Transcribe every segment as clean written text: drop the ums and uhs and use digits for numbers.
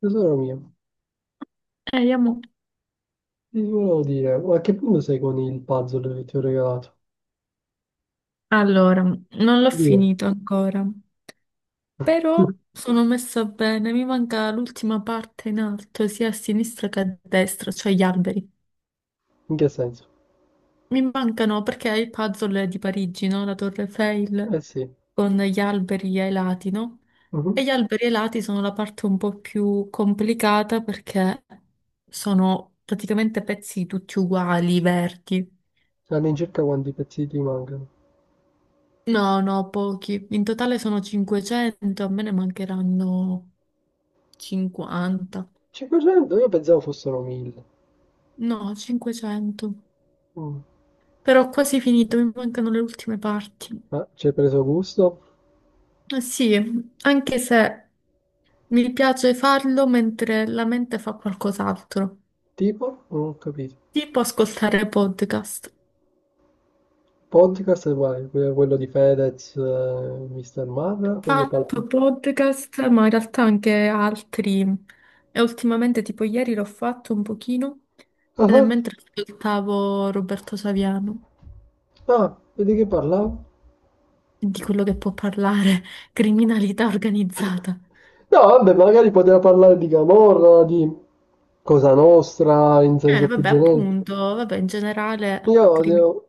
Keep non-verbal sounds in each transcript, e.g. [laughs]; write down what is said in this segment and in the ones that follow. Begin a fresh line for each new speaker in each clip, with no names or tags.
Tesoro mio,
Vediamo.
ti volevo dire, ma a che punto sei con il puzzle che ti ho regalato?
Allora, non l'ho
Dio.
finito ancora, però
[laughs]
sono messa bene, mi manca l'ultima parte in alto, sia a sinistra che a destra, cioè gli alberi.
In che senso?
Mi mancano perché il puzzle è di Parigi, no? La Torre Eiffel
Eh sì.
con gli alberi ai lati, no? E
Mhm.
gli alberi ai lati sono la parte un po' più complicata perché sono praticamente pezzi tutti uguali, verdi.
All'incirca quanti pezzi ti mancano?
No, no, pochi. In totale sono 500, a me ne mancheranno 50,
500? Io pensavo fossero 1000.
no, 500.
Mm.
Però ho quasi finito, mi mancano le ultime parti.
Ma ci hai preso gusto?
Eh sì, anche se mi piace farlo mentre la mente fa qualcos'altro,
Tipo? Non ho capito.
tipo ascoltare podcast.
Podcast è uguale, quello di Fedez, Mr. Marra, quello palp...
Fatto podcast, ma in realtà anche altri. E ultimamente, tipo ieri l'ho fatto un pochino, ed è
Ah,
mentre ascoltavo Roberto Saviano,
ah, vedi che parlavo?
di quello che può parlare, [laughs] criminalità organizzata.
[laughs] No, vabbè, magari poteva parlare di Camorra, di Cosa Nostra, in senso più
Vabbè,
generico.
appunto, vabbè, in
Io
generale
odio,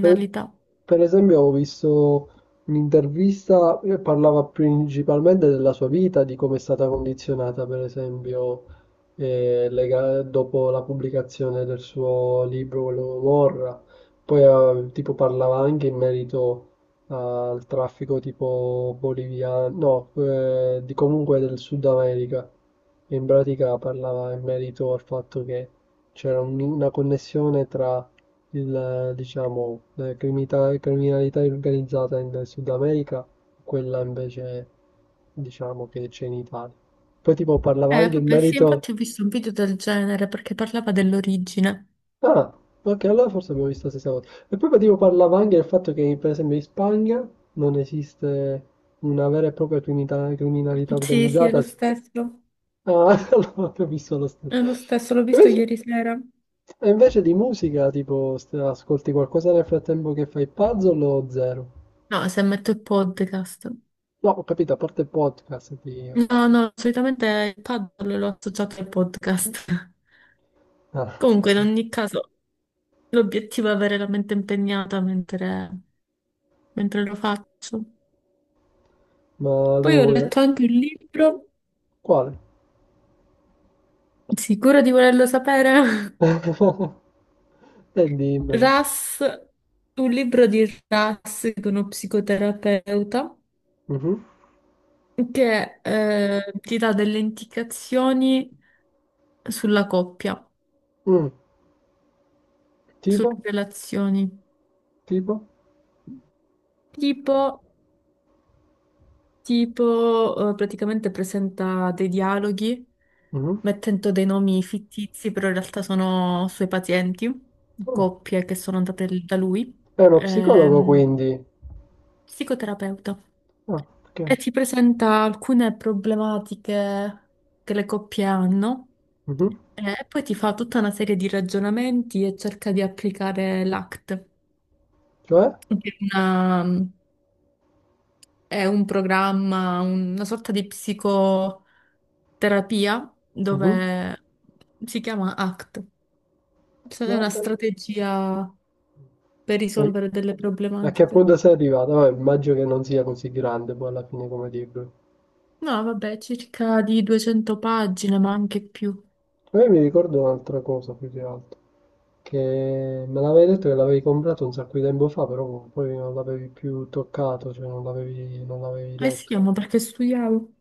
per, per esempio, ho visto un'intervista che parlava principalmente della sua vita, di come è stata condizionata, per esempio, dopo la pubblicazione del suo libro, quello Morra. Poi, tipo, parlava anche in merito al traffico tipo boliviano, no, di comunque del Sud America. E in pratica parlava in merito al fatto che c'era una connessione tra il, diciamo, la criminalità organizzata in Sud America, quella invece, diciamo, che c'è in Italia. Poi tipo parlava anche in
Vabbè, sì,
merito.
infatti ho visto un video del genere perché parlava dell'origine.
Ah, ok, allora forse abbiamo visto la stessa cosa. E poi tipo parlava anche del fatto che, per esempio, in Spagna non esiste una vera e propria criminalità
Sì, sì, è lo
organizzata.
stesso.
Ah, [laughs] allora ho visto lo
È lo
stesso.
stesso, l'ho visto
Invece,
ieri sera.
e invece di musica, tipo, ascolti qualcosa nel frattempo che fai puzzle o zero?
No, se metto il podcast.
No, ho capito, a parte il podcast.
No, no, solitamente il paddle l'ho associato al podcast. [laughs]
Ah,
Comunque, in ogni caso, l'obiettivo è avere la mente impegnata mentre lo faccio.
ma lei
Poi ho
vuole...
letto anche un libro,
Quale?
sicuro di volerlo sapere? [laughs]
[laughs] E dimmelo.
Ras, un libro di Ras, che è uno psicoterapeuta,
Mhm.
che ti dà delle indicazioni sulla coppia,
Mm,
sulle
Tipo?
relazioni.
Tipo?
Tipo, tipo, praticamente presenta dei dialoghi
Mhm.
mettendo dei nomi fittizi, però in realtà sono suoi pazienti,
Ah,
coppie che sono andate da lui.
è uno psicologo
Ehm,
quindi.
Psicoterapeuta.
Ah, ok.
E ti presenta alcune problematiche che le coppie hanno
Mhm.
e poi ti fa tutta una serie di ragionamenti e cerca di applicare l'ACT,
Cioè?
che è un programma, una sorta di psicoterapia
Mhm.
dove si chiama ACT. Cioè, è
Ma...
una strategia per
E
risolvere delle
a che
problematiche.
punto sei arrivato? Vabbè, immagino che non sia così grande poi alla fine come libro.
No, vabbè, circa di 200 pagine, ma anche più.
Poi mi ricordo un'altra cosa più che altro. Che me l'avevi detto che l'avevi comprato un sacco di tempo fa, però poi non l'avevi più toccato, cioè non l'avevi
Eh
letto.
sì, ma perché studiavo.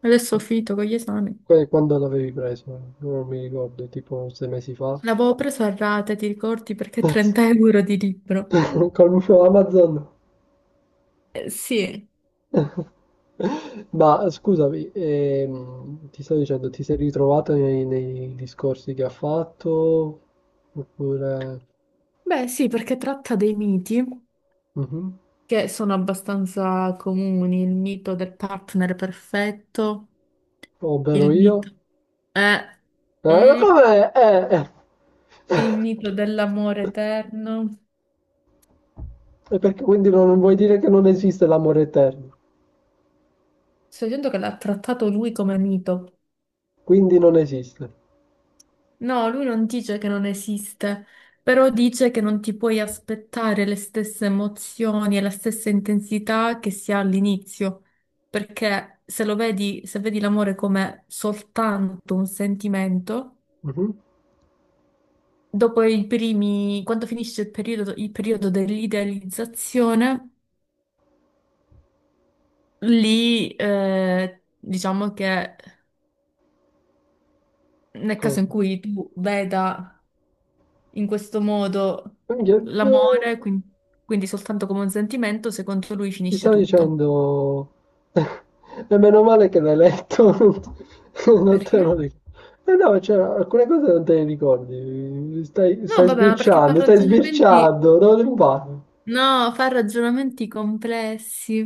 Adesso ho finito con gli esami.
Quando l'avevi preso? Non mi ricordo, tipo 6 mesi fa?
L'avevo preso a rate, ti ricordi? Perché
Basta.
30 euro di libro.
[laughs] Conosco Amazon.
Sì.
[laughs] Ma scusami, ti sto dicendo, ti sei ritrovato nei discorsi che ha fatto? Oppure...
Beh, sì, perché tratta dei miti
Mhm.
che sono abbastanza comuni, il mito del partner perfetto,
Ovvero
il
io?
mito, eh,
Ma
mm,
com'è? Eh.
il mito dell'amore eterno.
E perché quindi non vuoi dire che non esiste l'amore eterno?
Sto dicendo che l'ha trattato lui come mito.
Quindi non esiste.
No, lui non dice che non esiste, però dice che non ti puoi aspettare le stesse emozioni e la stessa intensità che si ha all'inizio, perché se lo vedi, se vedi l'amore come soltanto un sentimento,
Mhm.
dopo i primi, quando finisce il periodo dell'idealizzazione, lì diciamo che
Che
nel caso in
cosa?
cui tu veda in questo modo
Minchia, eh.
l'amore, quindi soltanto come un sentimento, secondo lui
Ti
finisce
stavo
tutto.
dicendo, [laughs] e meno male che l'hai letto, [laughs] non te
Perché?
lo ricordo. Eh no, cioè, alcune cose non te le ricordi, stai,
No,
stai
vabbè, ma perché fa
sbirciando, stai
ragionamenti.
sbirciando, dove ti parli?
No, fa ragionamenti complessi,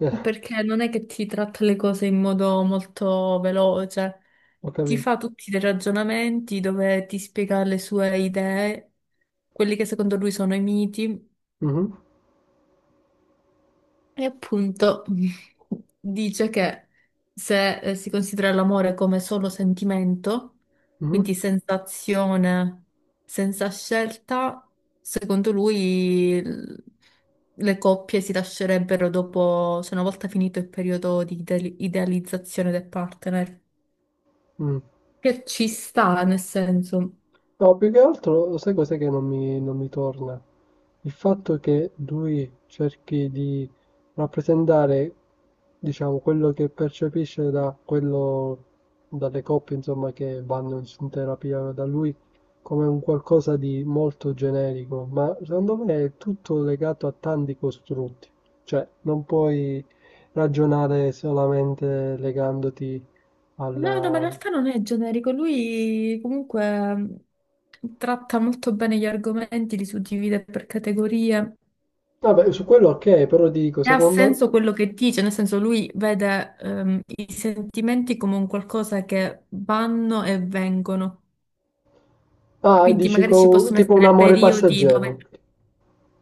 Eh,
perché non è che ti tratta le cose in modo molto veloce,
ho
ti
capito.
fa tutti dei ragionamenti dove ti spiega le sue idee, quelli che secondo lui sono i miti.
Mhm,
E appunto [laughs] dice che se si considera l'amore come solo sentimento,
mhm,
quindi sensazione senza scelta, secondo lui le coppie si lascerebbero dopo, cioè una volta finito il periodo di idealizzazione del partner.
mm.
Che ci sta, nel senso.
No, più che altro, sai cos'è che non mi torna? Il fatto che lui cerchi di rappresentare, diciamo, quello che percepisce da quello, dalle coppie, insomma, che vanno in terapia da lui, come un qualcosa di molto generico, ma secondo me è tutto legato a tanti costrutti. Cioè, non puoi ragionare solamente legandoti
No, no, ma in
al...
realtà non è generico, lui comunque tratta molto bene gli argomenti, li suddivide per categorie.
Vabbè, su quello ok, però dico,
E ha
secondo.
senso quello che dice, nel senso lui vede i sentimenti come un qualcosa che vanno e vengono,
Ah,
quindi
dici
magari ci possono
tipo un
essere
amore
periodi dove.
passeggero.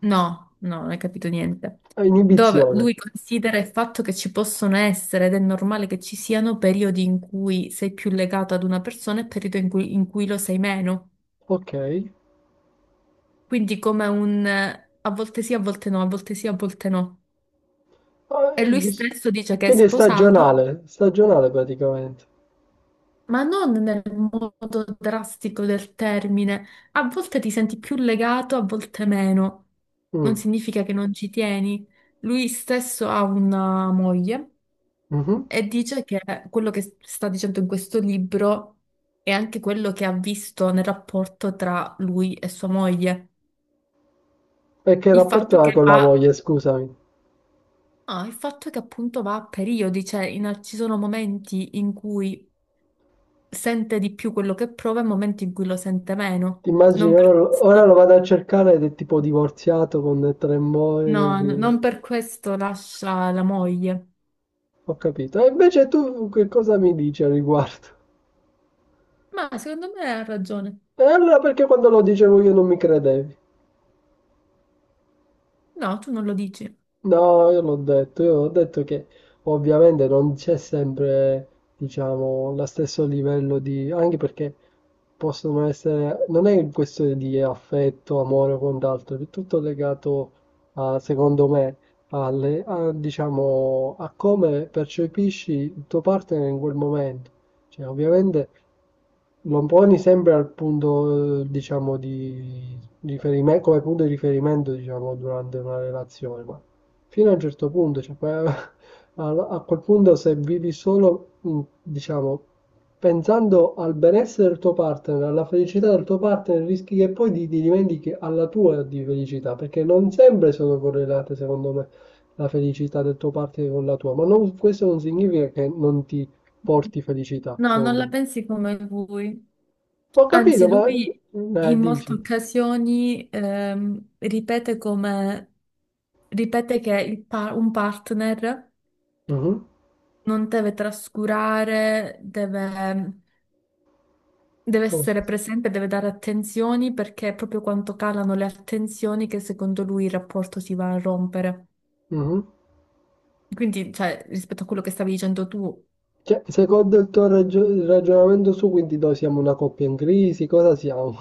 No, no, non hai capito niente.
Ah,
Dove
inibizione.
lui considera il fatto che ci possono essere ed è normale che ci siano periodi in cui sei più legato ad una persona e periodi in cui lo sei meno.
Ok.
Quindi come un a volte sì, a volte no, a volte sì, a volte no. E
Ah,
lui stesso dice che è
Quindi è
sposato.
stagionale, stagionale praticamente.
Ma non nel modo drastico del termine. A volte ti senti più legato, a volte meno. Non
Mm,
significa che non ci tieni. Lui stesso ha una moglie
mhm.
e dice che quello che sta dicendo in questo libro è anche quello che ha visto nel rapporto tra lui e sua moglie.
E che
Il
rapporto
fatto
ha
che
con la
va,
moglie, scusami?
il fatto è che appunto va a periodi, cioè ci sono momenti in cui sente di più quello che prova e momenti in cui lo sente meno.
Ti immagini,
Non
ora,
per questo.
lo vado a cercare ed è tipo divorziato con tre
No,
mogli.
non per questo lascia la moglie.
Ho capito. E invece tu che cosa mi dici al riguardo?
Ma secondo me ha ragione.
E allora perché quando lo dicevo io non mi credevi?
No, tu non lo dici.
No, io l'ho detto, io ho detto che ovviamente non c'è sempre, diciamo, lo stesso livello di... anche perché possono essere... non è questione di affetto, amore o quant'altro, è tutto legato, a, secondo me, alle, a, diciamo, a come percepisci il tuo partner in quel momento. Cioè, ovviamente lo poni sempre al punto, diciamo, di riferimento, come punto di riferimento, diciamo, durante una relazione, ma fino a un certo punto, cioè, poi, [laughs] a quel punto se vivi solo, diciamo, pensando al benessere del tuo partner, alla felicità del tuo partner, rischi che poi ti dimentichi alla tua di felicità, perché non sempre sono correlate, secondo me, la felicità del tuo partner con la tua, ma non questo non significa che non ti porti felicità,
No, non
secondo
la
me.
pensi come lui.
Ho capito,
Anzi, lui
ma...
in molte
dici.
occasioni ripete che un partner
Mhm.
non deve trascurare, deve
Cosa?
essere presente, deve dare attenzioni perché è proprio quando calano le attenzioni che secondo lui il rapporto si va a rompere.
Mhm.
Quindi, cioè, rispetto a quello che stavi dicendo tu,
Cioè, secondo il tuo ragio- il ragionamento su, quindi noi siamo una coppia in crisi, cosa siamo?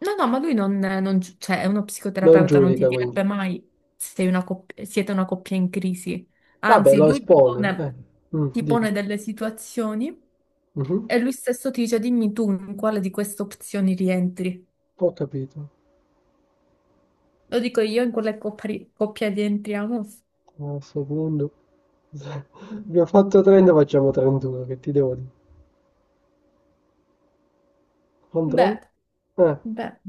no, no, ma lui, non, non gi- cioè, è uno
Non
psicoterapeuta, non ti
giudica, quindi.
direbbe mai siete una coppia in crisi.
Vabbè,
Anzi,
lo
lui ti
espone.
pone, ti
Dimmi.
pone delle situazioni
Mhm.
e lui stesso ti dice, dimmi tu in quale di queste opzioni rientri.
Ho capito.
Lo dico io, in quale coppia rientriamo?
A questo punto... [laughs] Abbiamo fatto 30, facciamo 31, che ti devo dire. Controllo.
Beh,
Eh,
beh,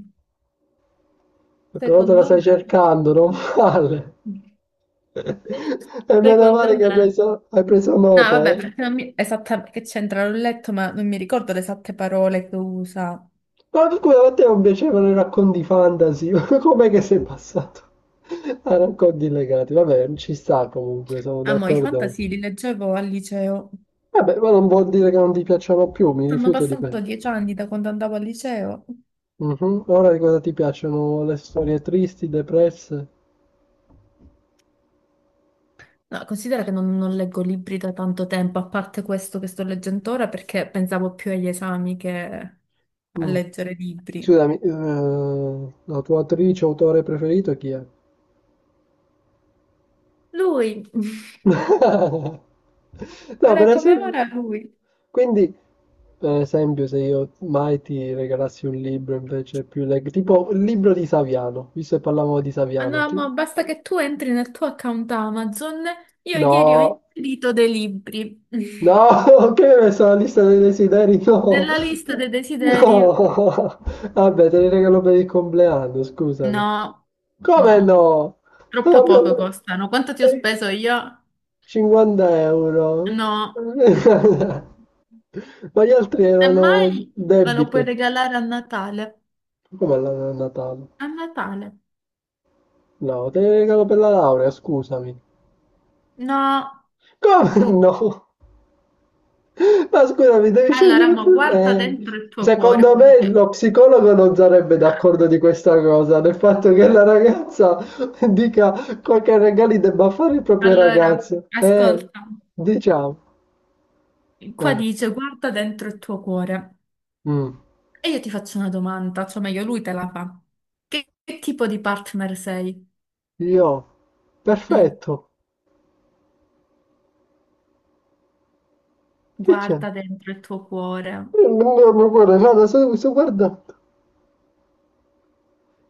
però te la
secondo
stai
me,
cercando, non male.
[laughs]
[laughs] E meno male
secondo
che
me.
hai preso
No,
nota,
vabbè,
eh.
perché non mi... esattamente che c'entra, l'ho letto, ma non mi ricordo le esatte parole che usa.
Ma scusa, a te non piacevano i racconti fantasy? [laughs] Com'è che sei passato a racconti legati? Vabbè, ci sta comunque, sono
Ah, mo, i
d'accordo.
fantasy li leggevo al liceo.
Vabbè, ma non vuol dire che non ti piacciono più, mi
Sono
rifiuto di me.
passato 10 anni da quando andavo al liceo.
Mhm. Ora di cosa ti piacciono? Le storie tristi, depresse?
No, considera che non leggo libri da tanto tempo, a parte questo che sto leggendo ora, perché pensavo più agli esami che a
Mm.
leggere libri.
Scusami, la tua attrice, o autore preferito chi è?
Lui, [laughs]
No, per
ora come
esempio,
ora lui.
quindi per esempio, se io mai ti regalassi un libro invece più tipo il libro di Saviano, visto che parlavamo di
Ah
Saviano,
no, ma
tu-
basta che tu entri nel tuo account Amazon. Io ieri ho
No,
inserito dei libri [laughs]
no, [laughs] che mi hai messo la lista dei desideri? No,
nella
[laughs]
lista dei desideri.
no, vabbè, te li regalo per il compleanno, scusami.
No,
Come
no,
no? Non
troppo poco
abbiamo-
costano. Quanto ti ho speso io?
50 euro.
No,
[laughs] Ma gli altri
semmai
erano
me lo puoi
debite.
regalare a Natale.
Come la a Natale?
A Natale.
No, te ne regalo per la laurea, scusami.
No.
Come no? Ma scusami, devi
Allora,
scegliere
mo
tu.
guarda dentro il tuo cuore.
Secondo
Qua
me
dice.
lo psicologo non sarebbe d'accordo di questa cosa, del fatto che la ragazza [laughs] dica quel che regali debba fare il proprio
Allora,
ragazzo.
ascolta.
Diciamo.
Qua
Eh,
dice, guarda dentro il tuo cuore.
mm.
E io ti faccio una domanda, cioè meglio lui te la fa. Che tipo di partner sei?
Io,
Mm.
perfetto. Che c'è?
Guarda dentro il tuo cuore.
Io non mi guarda, guarda, sto guardando.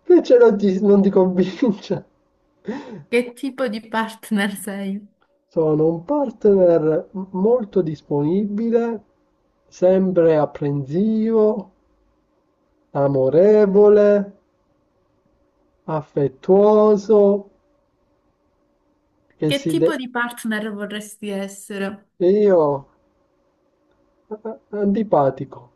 Invece non ti convince.
Che tipo di partner sei?
Sono un partner molto disponibile, sempre apprensivo, amorevole, affettuoso, che
Che
si
tipo
de-
di partner vorresti essere?
e io antipatico.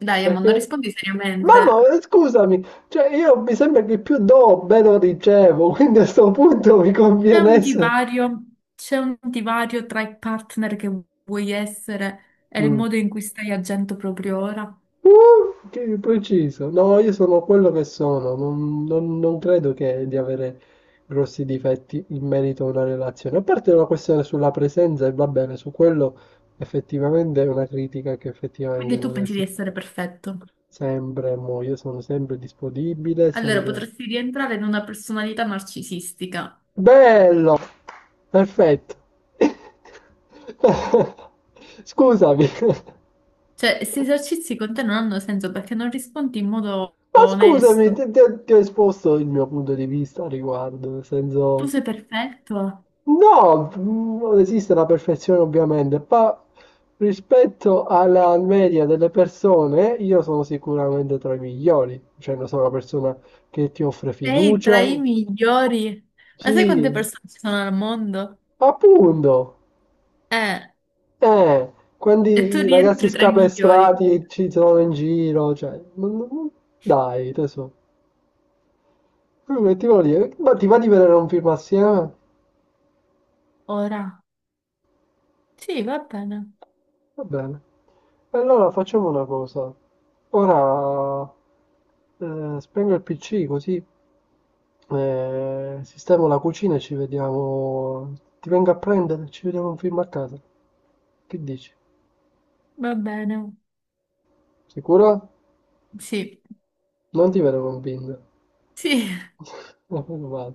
Dai, Amanda,
Perché
rispondi seriamente.
Mamma, scusami, cioè io mi sembra che più do, meno ricevo, quindi a sto punto mi
C'è
conviene
un
essere...
divario, c'è un divario tra i partner che vuoi essere e il
Mm.
modo in cui stai agendo proprio ora?
Che preciso. No, io sono quello che sono. Non credo che di avere grossi difetti in merito a una relazione. A parte la questione sulla presenza, e va bene, su quello effettivamente è una critica che effettivamente
Perché tu pensi di
potresti fare.
essere perfetto.
Sempre, mo, io sono sempre disponibile,
Allora,
sempre...
potresti rientrare in una personalità narcisistica.
Bello! Perfetto. [laughs] Scusami.
Cioè, questi esercizi con te non hanno senso perché non rispondi in modo
Ma scusami,
onesto.
ti ho esposto il mio punto di vista a riguardo, nel
Tu
senso...
sei perfetto,
No, non esiste la perfezione ovviamente, ma rispetto alla media delle persone, io sono sicuramente tra i migliori, cioè non sono una persona che ti offre
sei tra
fiducia.
i migliori. Ma sai quante
Sì,
persone ci sono al mondo?
appunto.
Eh.
Eh, quando
E tu
i ragazzi
rientri tra i migliori.
scapestrati ci sono in giro, cioè, dai, tesoro. Che ti voglio dire? Ma ti va di vedere un film assieme?
Ora. Sì, va bene.
Va bene. Allora facciamo una cosa. Ora spengo il PC così sistemo la cucina e ci vediamo. Ti vengo a prendere, e ci vediamo un film a casa. Che dici?
Va bene.
Sicura?
Sì.
Non ti vedo convinto.
Sì,
Ma meno male.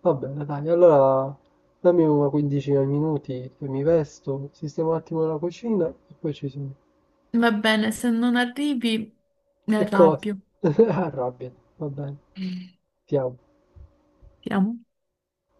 Va bene, dai, allora dammi una quindicina di minuti che mi vesto, sistemo un attimo la cucina e poi ci sono.
[laughs] va bene. Se non arrivi, mi
Che cosa?
arrabbio.
[laughs] Arrabbiati, va bene, ti amo.
Siamo.